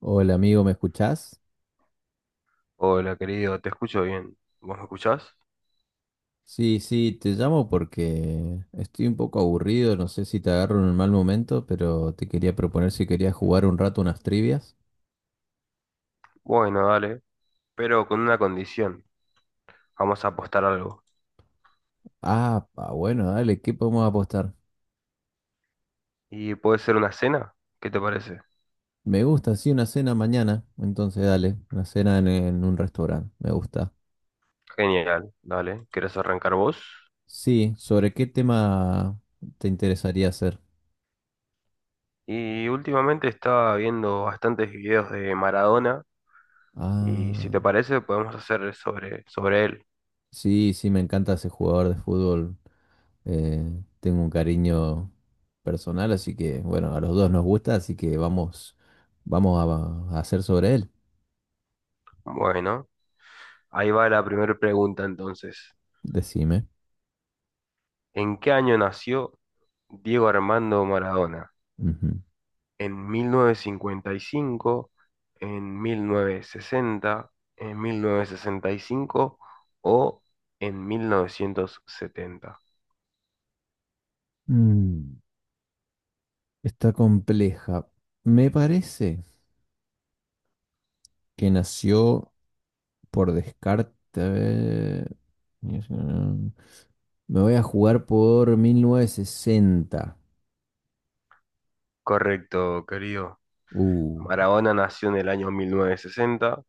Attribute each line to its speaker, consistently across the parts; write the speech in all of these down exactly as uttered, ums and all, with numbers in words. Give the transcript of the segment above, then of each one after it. Speaker 1: Hola amigo, ¿me escuchás?
Speaker 2: Hola, querido, te escucho bien. ¿Vos me escuchás?
Speaker 1: Sí, sí, te llamo porque estoy un poco aburrido, no sé si te agarro en un mal momento, pero te quería proponer si querías jugar un rato unas trivias.
Speaker 2: Bueno, dale, pero con una condición. Vamos a apostar algo.
Speaker 1: Ah, pa, bueno, dale, ¿qué podemos apostar?
Speaker 2: ¿Y puede ser una cena? ¿Qué te parece?
Speaker 1: Me gusta, sí, una cena mañana, entonces dale, una cena en, en un restaurante, me gusta.
Speaker 2: Genial, dale. ¿Querés arrancar vos?
Speaker 1: Sí, ¿sobre qué tema te interesaría hacer?
Speaker 2: Y últimamente estaba viendo bastantes videos de Maradona y si
Speaker 1: Ah,
Speaker 2: te parece podemos hacer sobre, sobre él.
Speaker 1: sí, sí, me encanta ese jugador de fútbol. Eh, tengo un cariño personal, así que bueno, a los dos nos gusta, así que vamos, vamos a, a hacer sobre él.
Speaker 2: Bueno, ahí va la primera pregunta entonces.
Speaker 1: Decime.
Speaker 2: ¿En qué año nació Diego Armando Maradona?
Speaker 1: Ujú.
Speaker 2: ¿En mil novecientos cincuenta y cinco, en mil novecientos sesenta, en mil novecientos sesenta y cinco o en mil novecientos setenta?
Speaker 1: Mm, está compleja. Me parece que nació por descarte. A ver, me voy a jugar por mil novecientos sesenta.
Speaker 2: Correcto, querido.
Speaker 1: Uh,
Speaker 2: Maradona nació en el año mil novecientos sesenta,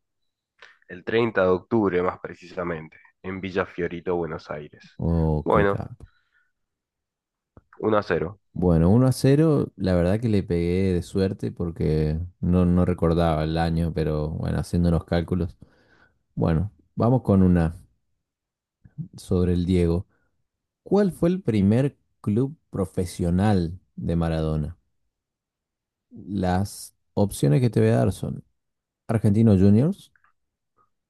Speaker 2: el treinta de octubre más precisamente, en Villa Fiorito, Buenos Aires.
Speaker 1: oh, qué
Speaker 2: Bueno,
Speaker 1: caca.
Speaker 2: uno a cero.
Speaker 1: Bueno, uno a cero, la verdad que le pegué de suerte porque no, no recordaba el año, pero bueno, haciendo los cálculos. Bueno, vamos con una sobre el Diego. ¿Cuál fue el primer club profesional de Maradona? Las opciones que te voy a dar son Argentinos Juniors,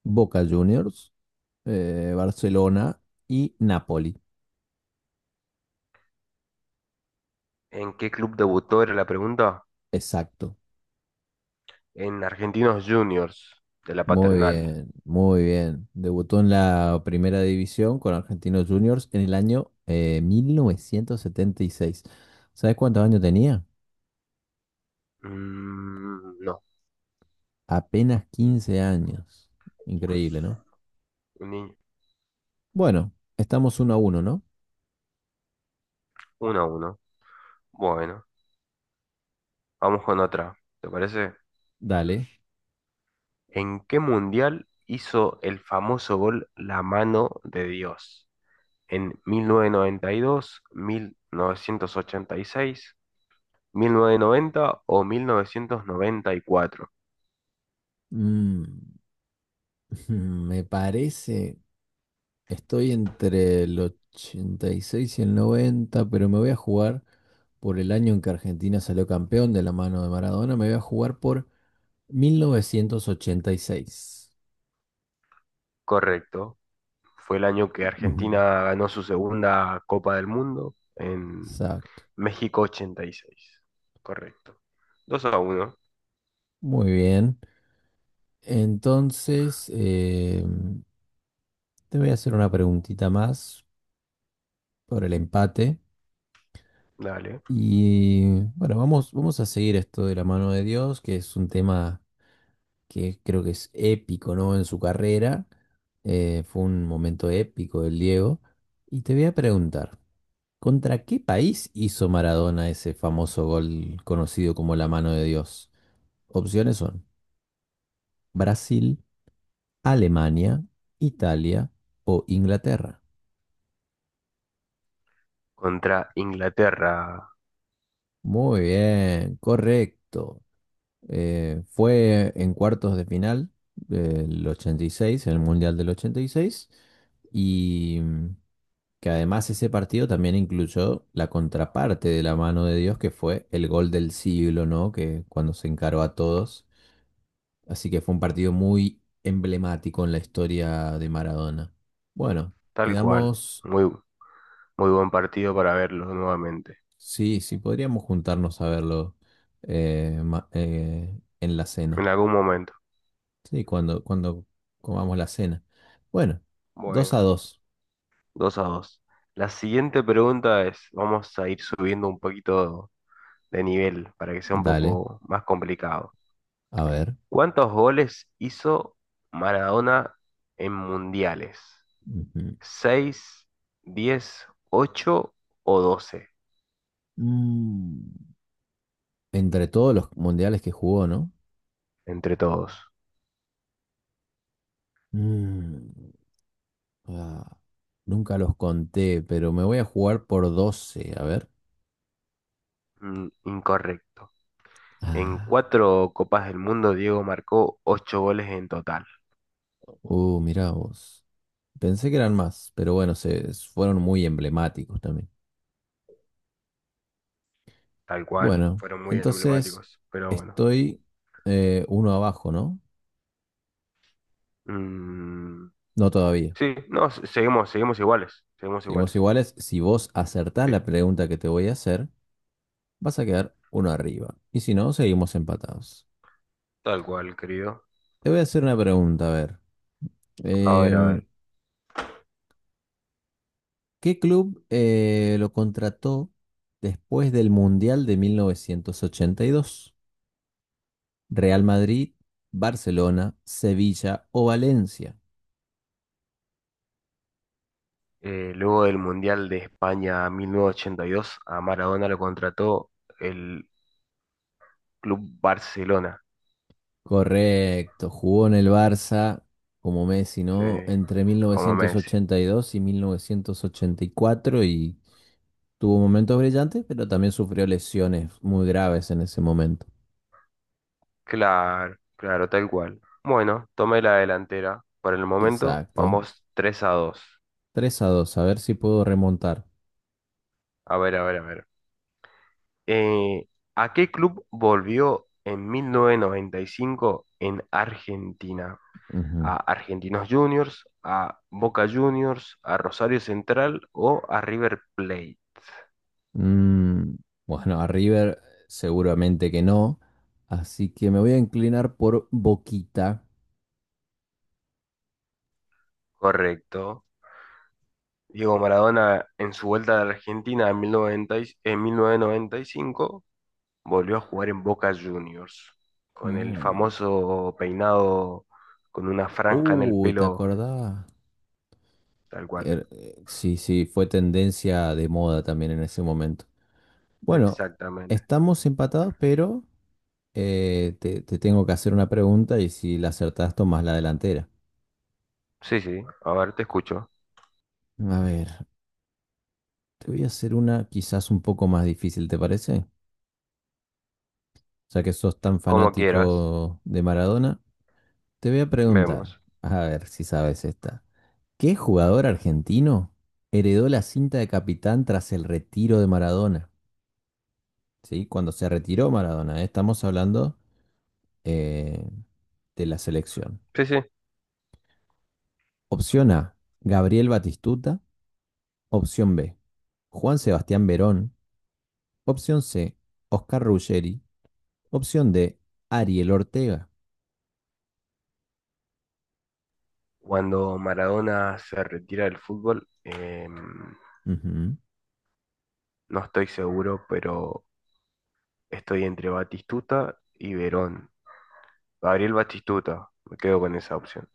Speaker 1: Boca Juniors, eh, Barcelona y Napoli.
Speaker 2: ¿En qué club debutó era la pregunta?
Speaker 1: Exacto.
Speaker 2: En Argentinos Juniors, de la
Speaker 1: Muy
Speaker 2: Paternal.
Speaker 1: bien, muy bien. Debutó en la primera división con Argentinos Juniors en el año eh, mil novecientos setenta y seis. ¿Sabes cuántos años tenía?
Speaker 2: Mm, no.
Speaker 1: Apenas quince años.
Speaker 2: Uf,
Speaker 1: Increíble, ¿no?
Speaker 2: un niño.
Speaker 1: Bueno, estamos uno a uno, ¿no?
Speaker 2: Uno a uno. Bueno. Vamos con otra, ¿te parece?
Speaker 1: Dale.
Speaker 2: ¿En qué mundial hizo el famoso gol La mano de Dios? ¿En mil mil novecientos novecientos noventa y y dos, mil novecientos ochenta y seis, mil novecientos noventa o mil novecientos noventa y cuatro?
Speaker 1: Mm, me parece, estoy entre el ochenta y seis y el noventa, pero me voy a jugar por el año en que Argentina salió campeón de la mano de Maradona, me voy a jugar por mil novecientos ochenta y seis.
Speaker 2: Correcto. Fue el año que
Speaker 1: Ujú,
Speaker 2: Argentina ganó su segunda Copa del Mundo en
Speaker 1: exacto.
Speaker 2: México ochenta y seis. Correcto. Dos a uno.
Speaker 1: Muy bien. Entonces, eh, te voy a hacer una preguntita más por el empate.
Speaker 2: Dale.
Speaker 1: Y bueno, vamos, vamos a seguir esto de la mano de Dios, que es un tema que creo que es épico, ¿no? En su carrera. Eh, fue un momento épico del Diego. Y te voy a preguntar. ¿Contra qué país hizo Maradona ese famoso gol conocido como la mano de Dios? Opciones son Brasil, Alemania, Italia o Inglaterra.
Speaker 2: Contra Inglaterra.
Speaker 1: Muy bien, correcto. Eh, fue en cuartos de final del ochenta y seis, en el Mundial del ochenta y seis, y seis, y mm, que además ese partido también incluyó la contraparte de la mano de Dios, que fue el gol del siglo, ¿no? Que cuando se encaró a todos. Así que fue un partido muy emblemático en la historia de Maradona. Bueno,
Speaker 2: Tal cual.
Speaker 1: quedamos,
Speaker 2: Muy, muy buen partido para verlo nuevamente,
Speaker 1: sí, sí, podríamos juntarnos a verlo eh, ma- eh, en la cena.
Speaker 2: en algún momento.
Speaker 1: Sí, cuando, cuando comamos la cena. Bueno, dos
Speaker 2: Bueno,
Speaker 1: a dos.
Speaker 2: dos a dos. La siguiente pregunta es, vamos a ir subiendo un poquito de nivel para que sea un
Speaker 1: Dale,
Speaker 2: poco más complicado.
Speaker 1: a ver.
Speaker 2: ¿Cuántos goles hizo Maradona en mundiales?
Speaker 1: Ujú.
Speaker 2: ¿Seis, diez, ocho o doce?
Speaker 1: Mm, ¿Entre todos los mundiales que jugó, ¿no?
Speaker 2: ¿Entre todos?
Speaker 1: Mm, ah, nunca los conté, pero me voy a jugar por doce, a ver.
Speaker 2: Mm, incorrecto. En
Speaker 1: Ah,
Speaker 2: cuatro Copas del Mundo, Diego marcó ocho goles en total.
Speaker 1: uh, mirá vos. Pensé que eran más, pero bueno, se fueron muy emblemáticos también.
Speaker 2: Tal cual,
Speaker 1: Bueno,
Speaker 2: fueron muy
Speaker 1: entonces
Speaker 2: emblemáticos, pero bueno.
Speaker 1: estoy eh, uno abajo, ¿no?
Speaker 2: Mm,
Speaker 1: No todavía.
Speaker 2: sí, no, se- seguimos, seguimos iguales, seguimos
Speaker 1: Seguimos
Speaker 2: iguales.
Speaker 1: iguales. Si vos acertás
Speaker 2: Sí,
Speaker 1: la pregunta que te voy a hacer, vas a quedar uno arriba. Y si no, seguimos empatados.
Speaker 2: tal cual, querido.
Speaker 1: Te voy a hacer una pregunta, a ver.
Speaker 2: A ver, a
Speaker 1: Em,
Speaker 2: ver.
Speaker 1: ¿qué club eh, lo contrató después del Mundial de mil novecientos ochenta y dos? ¿Real Madrid, Barcelona, Sevilla o Valencia?
Speaker 2: Eh, luego del Mundial de España mil novecientos ochenta y dos, a Maradona lo contrató el Club Barcelona.
Speaker 1: Correcto, jugó en el Barça como Messi,
Speaker 2: Sí,
Speaker 1: ¿no? Entre mil
Speaker 2: como
Speaker 1: novecientos
Speaker 2: Messi.
Speaker 1: ochenta y dos y mil novecientos ochenta y y cuatro y tuvo momentos brillantes, pero también sufrió lesiones muy graves en ese momento.
Speaker 2: Claro, claro, tal cual. Bueno, tomé la delantera. Por el momento,
Speaker 1: Exacto.
Speaker 2: vamos tres a dos.
Speaker 1: Tres a dos. A ver si puedo remontar.
Speaker 2: A ver, a ver, a ver. Eh, ¿a qué club volvió en mil novecientos noventa y cinco en Argentina? ¿A
Speaker 1: Ujú.
Speaker 2: Argentinos Juniors, a Boca Juniors, a Rosario Central o a River Plate?
Speaker 1: Mm, bueno, a River seguramente que no, así que me voy a inclinar por Boquita.
Speaker 2: Correcto. Diego Maradona en su vuelta a la Argentina en mil novecientos noventa, en mil novecientos noventa y cinco, volvió a jugar en Boca Juniors con el
Speaker 1: Mm.
Speaker 2: famoso peinado, con una franja en el
Speaker 1: Uy, ¿te
Speaker 2: pelo.
Speaker 1: acordás?
Speaker 2: Tal cual.
Speaker 1: Er- eh, sí, sí, fue tendencia de moda también en ese momento. Bueno,
Speaker 2: Exactamente.
Speaker 1: estamos empatados, pero eh, te, te tengo que hacer una pregunta y si la acertás, tomás la delantera.
Speaker 2: Sí, sí. A ver, te escucho.
Speaker 1: A ver, te voy a hacer una quizás un poco más difícil, ¿te parece? Ya que sos tan
Speaker 2: Como quieras.
Speaker 1: fanático de Maradona, te voy a preguntar,
Speaker 2: Vemos.
Speaker 1: a ver si sabes esta. ¿Qué jugador argentino heredó la cinta de capitán tras el retiro de Maradona? Sí, cuando se retiró Maradona, ¿eh? Estamos hablando eh, de la selección.
Speaker 2: Sí, sí.
Speaker 1: Opción A, Gabriel Batistuta. Opción B, Juan Sebastián Verón. Opción C, Oscar Ruggeri. Opción D, Ariel Ortega.
Speaker 2: Cuando Maradona se retira del fútbol, em,
Speaker 1: Ujú.
Speaker 2: no estoy seguro, pero estoy entre Batistuta y Verón. Gabriel Batistuta, me quedo con esa opción.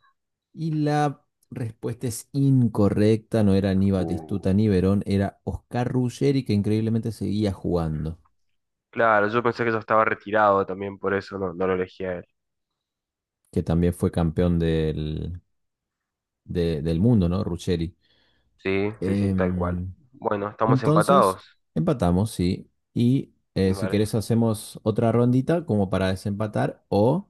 Speaker 1: Y la respuesta es incorrecta, no era ni
Speaker 2: Uh,
Speaker 1: Batistuta ni Verón, era Oscar Ruggeri que increíblemente seguía jugando,
Speaker 2: claro, yo pensé que ya estaba retirado también, por eso no, no lo elegí a él.
Speaker 1: que también fue campeón del, de- del mundo, ¿no? Ruggeri.
Speaker 2: Sí, sí, sí, tal cual.
Speaker 1: Em,
Speaker 2: Bueno, estamos
Speaker 1: Entonces,
Speaker 2: empatados.
Speaker 1: empatamos, sí. Y eh, si
Speaker 2: Vale,
Speaker 1: querés hacemos otra rondita como para desempatar o,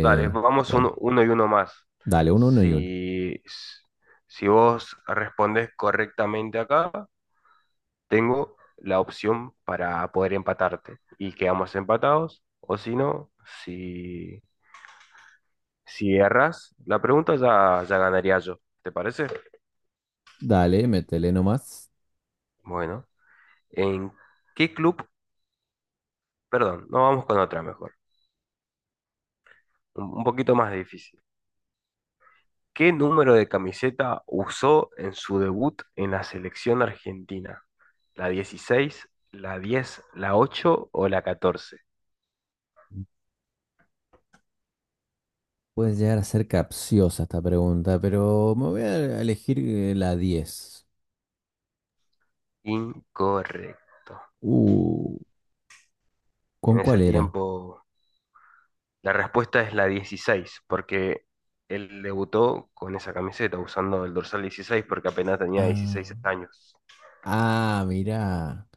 Speaker 2: dale, vamos
Speaker 1: bueno,
Speaker 2: uno, uno y uno más.
Speaker 1: dale, uno, uno y uno.
Speaker 2: Si, si vos respondés correctamente acá, tengo la opción para poder empatarte y quedamos empatados, o si no, si... si erras la pregunta, ya, ya ganaría yo. ¿Te parece?
Speaker 1: Dale, métele nomás.
Speaker 2: Bueno, ¿en qué club? Perdón, no, vamos con otra mejor. Un, un poquito más difícil. ¿Qué número de camiseta usó en su debut en la selección argentina? ¿La dieciséis, la diez, la ocho o la catorce?
Speaker 1: Puede llegar a ser capciosa esta pregunta, pero me voy a elegir eh, la diez.
Speaker 2: Incorrecto.
Speaker 1: Uh,
Speaker 2: En
Speaker 1: ¿con
Speaker 2: ese
Speaker 1: cuál era?
Speaker 2: tiempo, la respuesta es la dieciséis, porque él debutó con esa camiseta, usando el dorsal dieciséis porque apenas tenía dieciséis
Speaker 1: Ah,
Speaker 2: años.
Speaker 1: ah, mirá.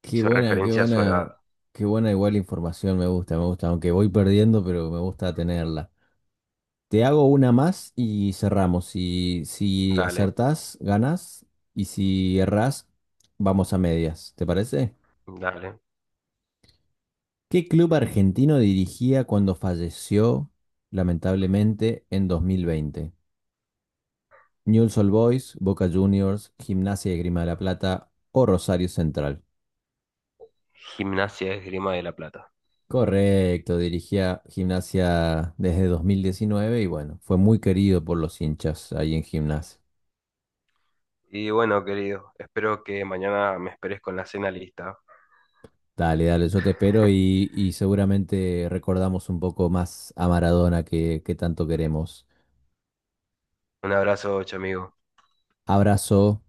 Speaker 1: Qué
Speaker 2: Hizo
Speaker 1: buena, qué
Speaker 2: referencia a su
Speaker 1: buena,
Speaker 2: edad.
Speaker 1: qué buena igual información, me gusta, me gusta, aunque voy perdiendo, pero me gusta tenerla. Te hago una más y cerramos. Si, si
Speaker 2: Dale,
Speaker 1: acertás, ganas. Y si errás, vamos a medias. ¿Te parece?
Speaker 2: dale.
Speaker 1: ¿Qué club argentino dirigía cuando falleció, lamentablemente, en dos mil veinte? Newell's Old Boys, Boca Juniors, Gimnasia y Grima de la Plata o Rosario Central.
Speaker 2: Gimnasia Esgrima de la Plata.
Speaker 1: Correcto, dirigía Gimnasia desde dos mil diecinueve y bueno, fue muy querido por los hinchas ahí en Gimnasia.
Speaker 2: Y bueno, querido, espero que mañana me esperes con la cena lista.
Speaker 1: Dale, dale, yo te espero y, y seguramente recordamos un poco más a Maradona que, que tanto queremos.
Speaker 2: Un abrazo, chamigo.
Speaker 1: Abrazo.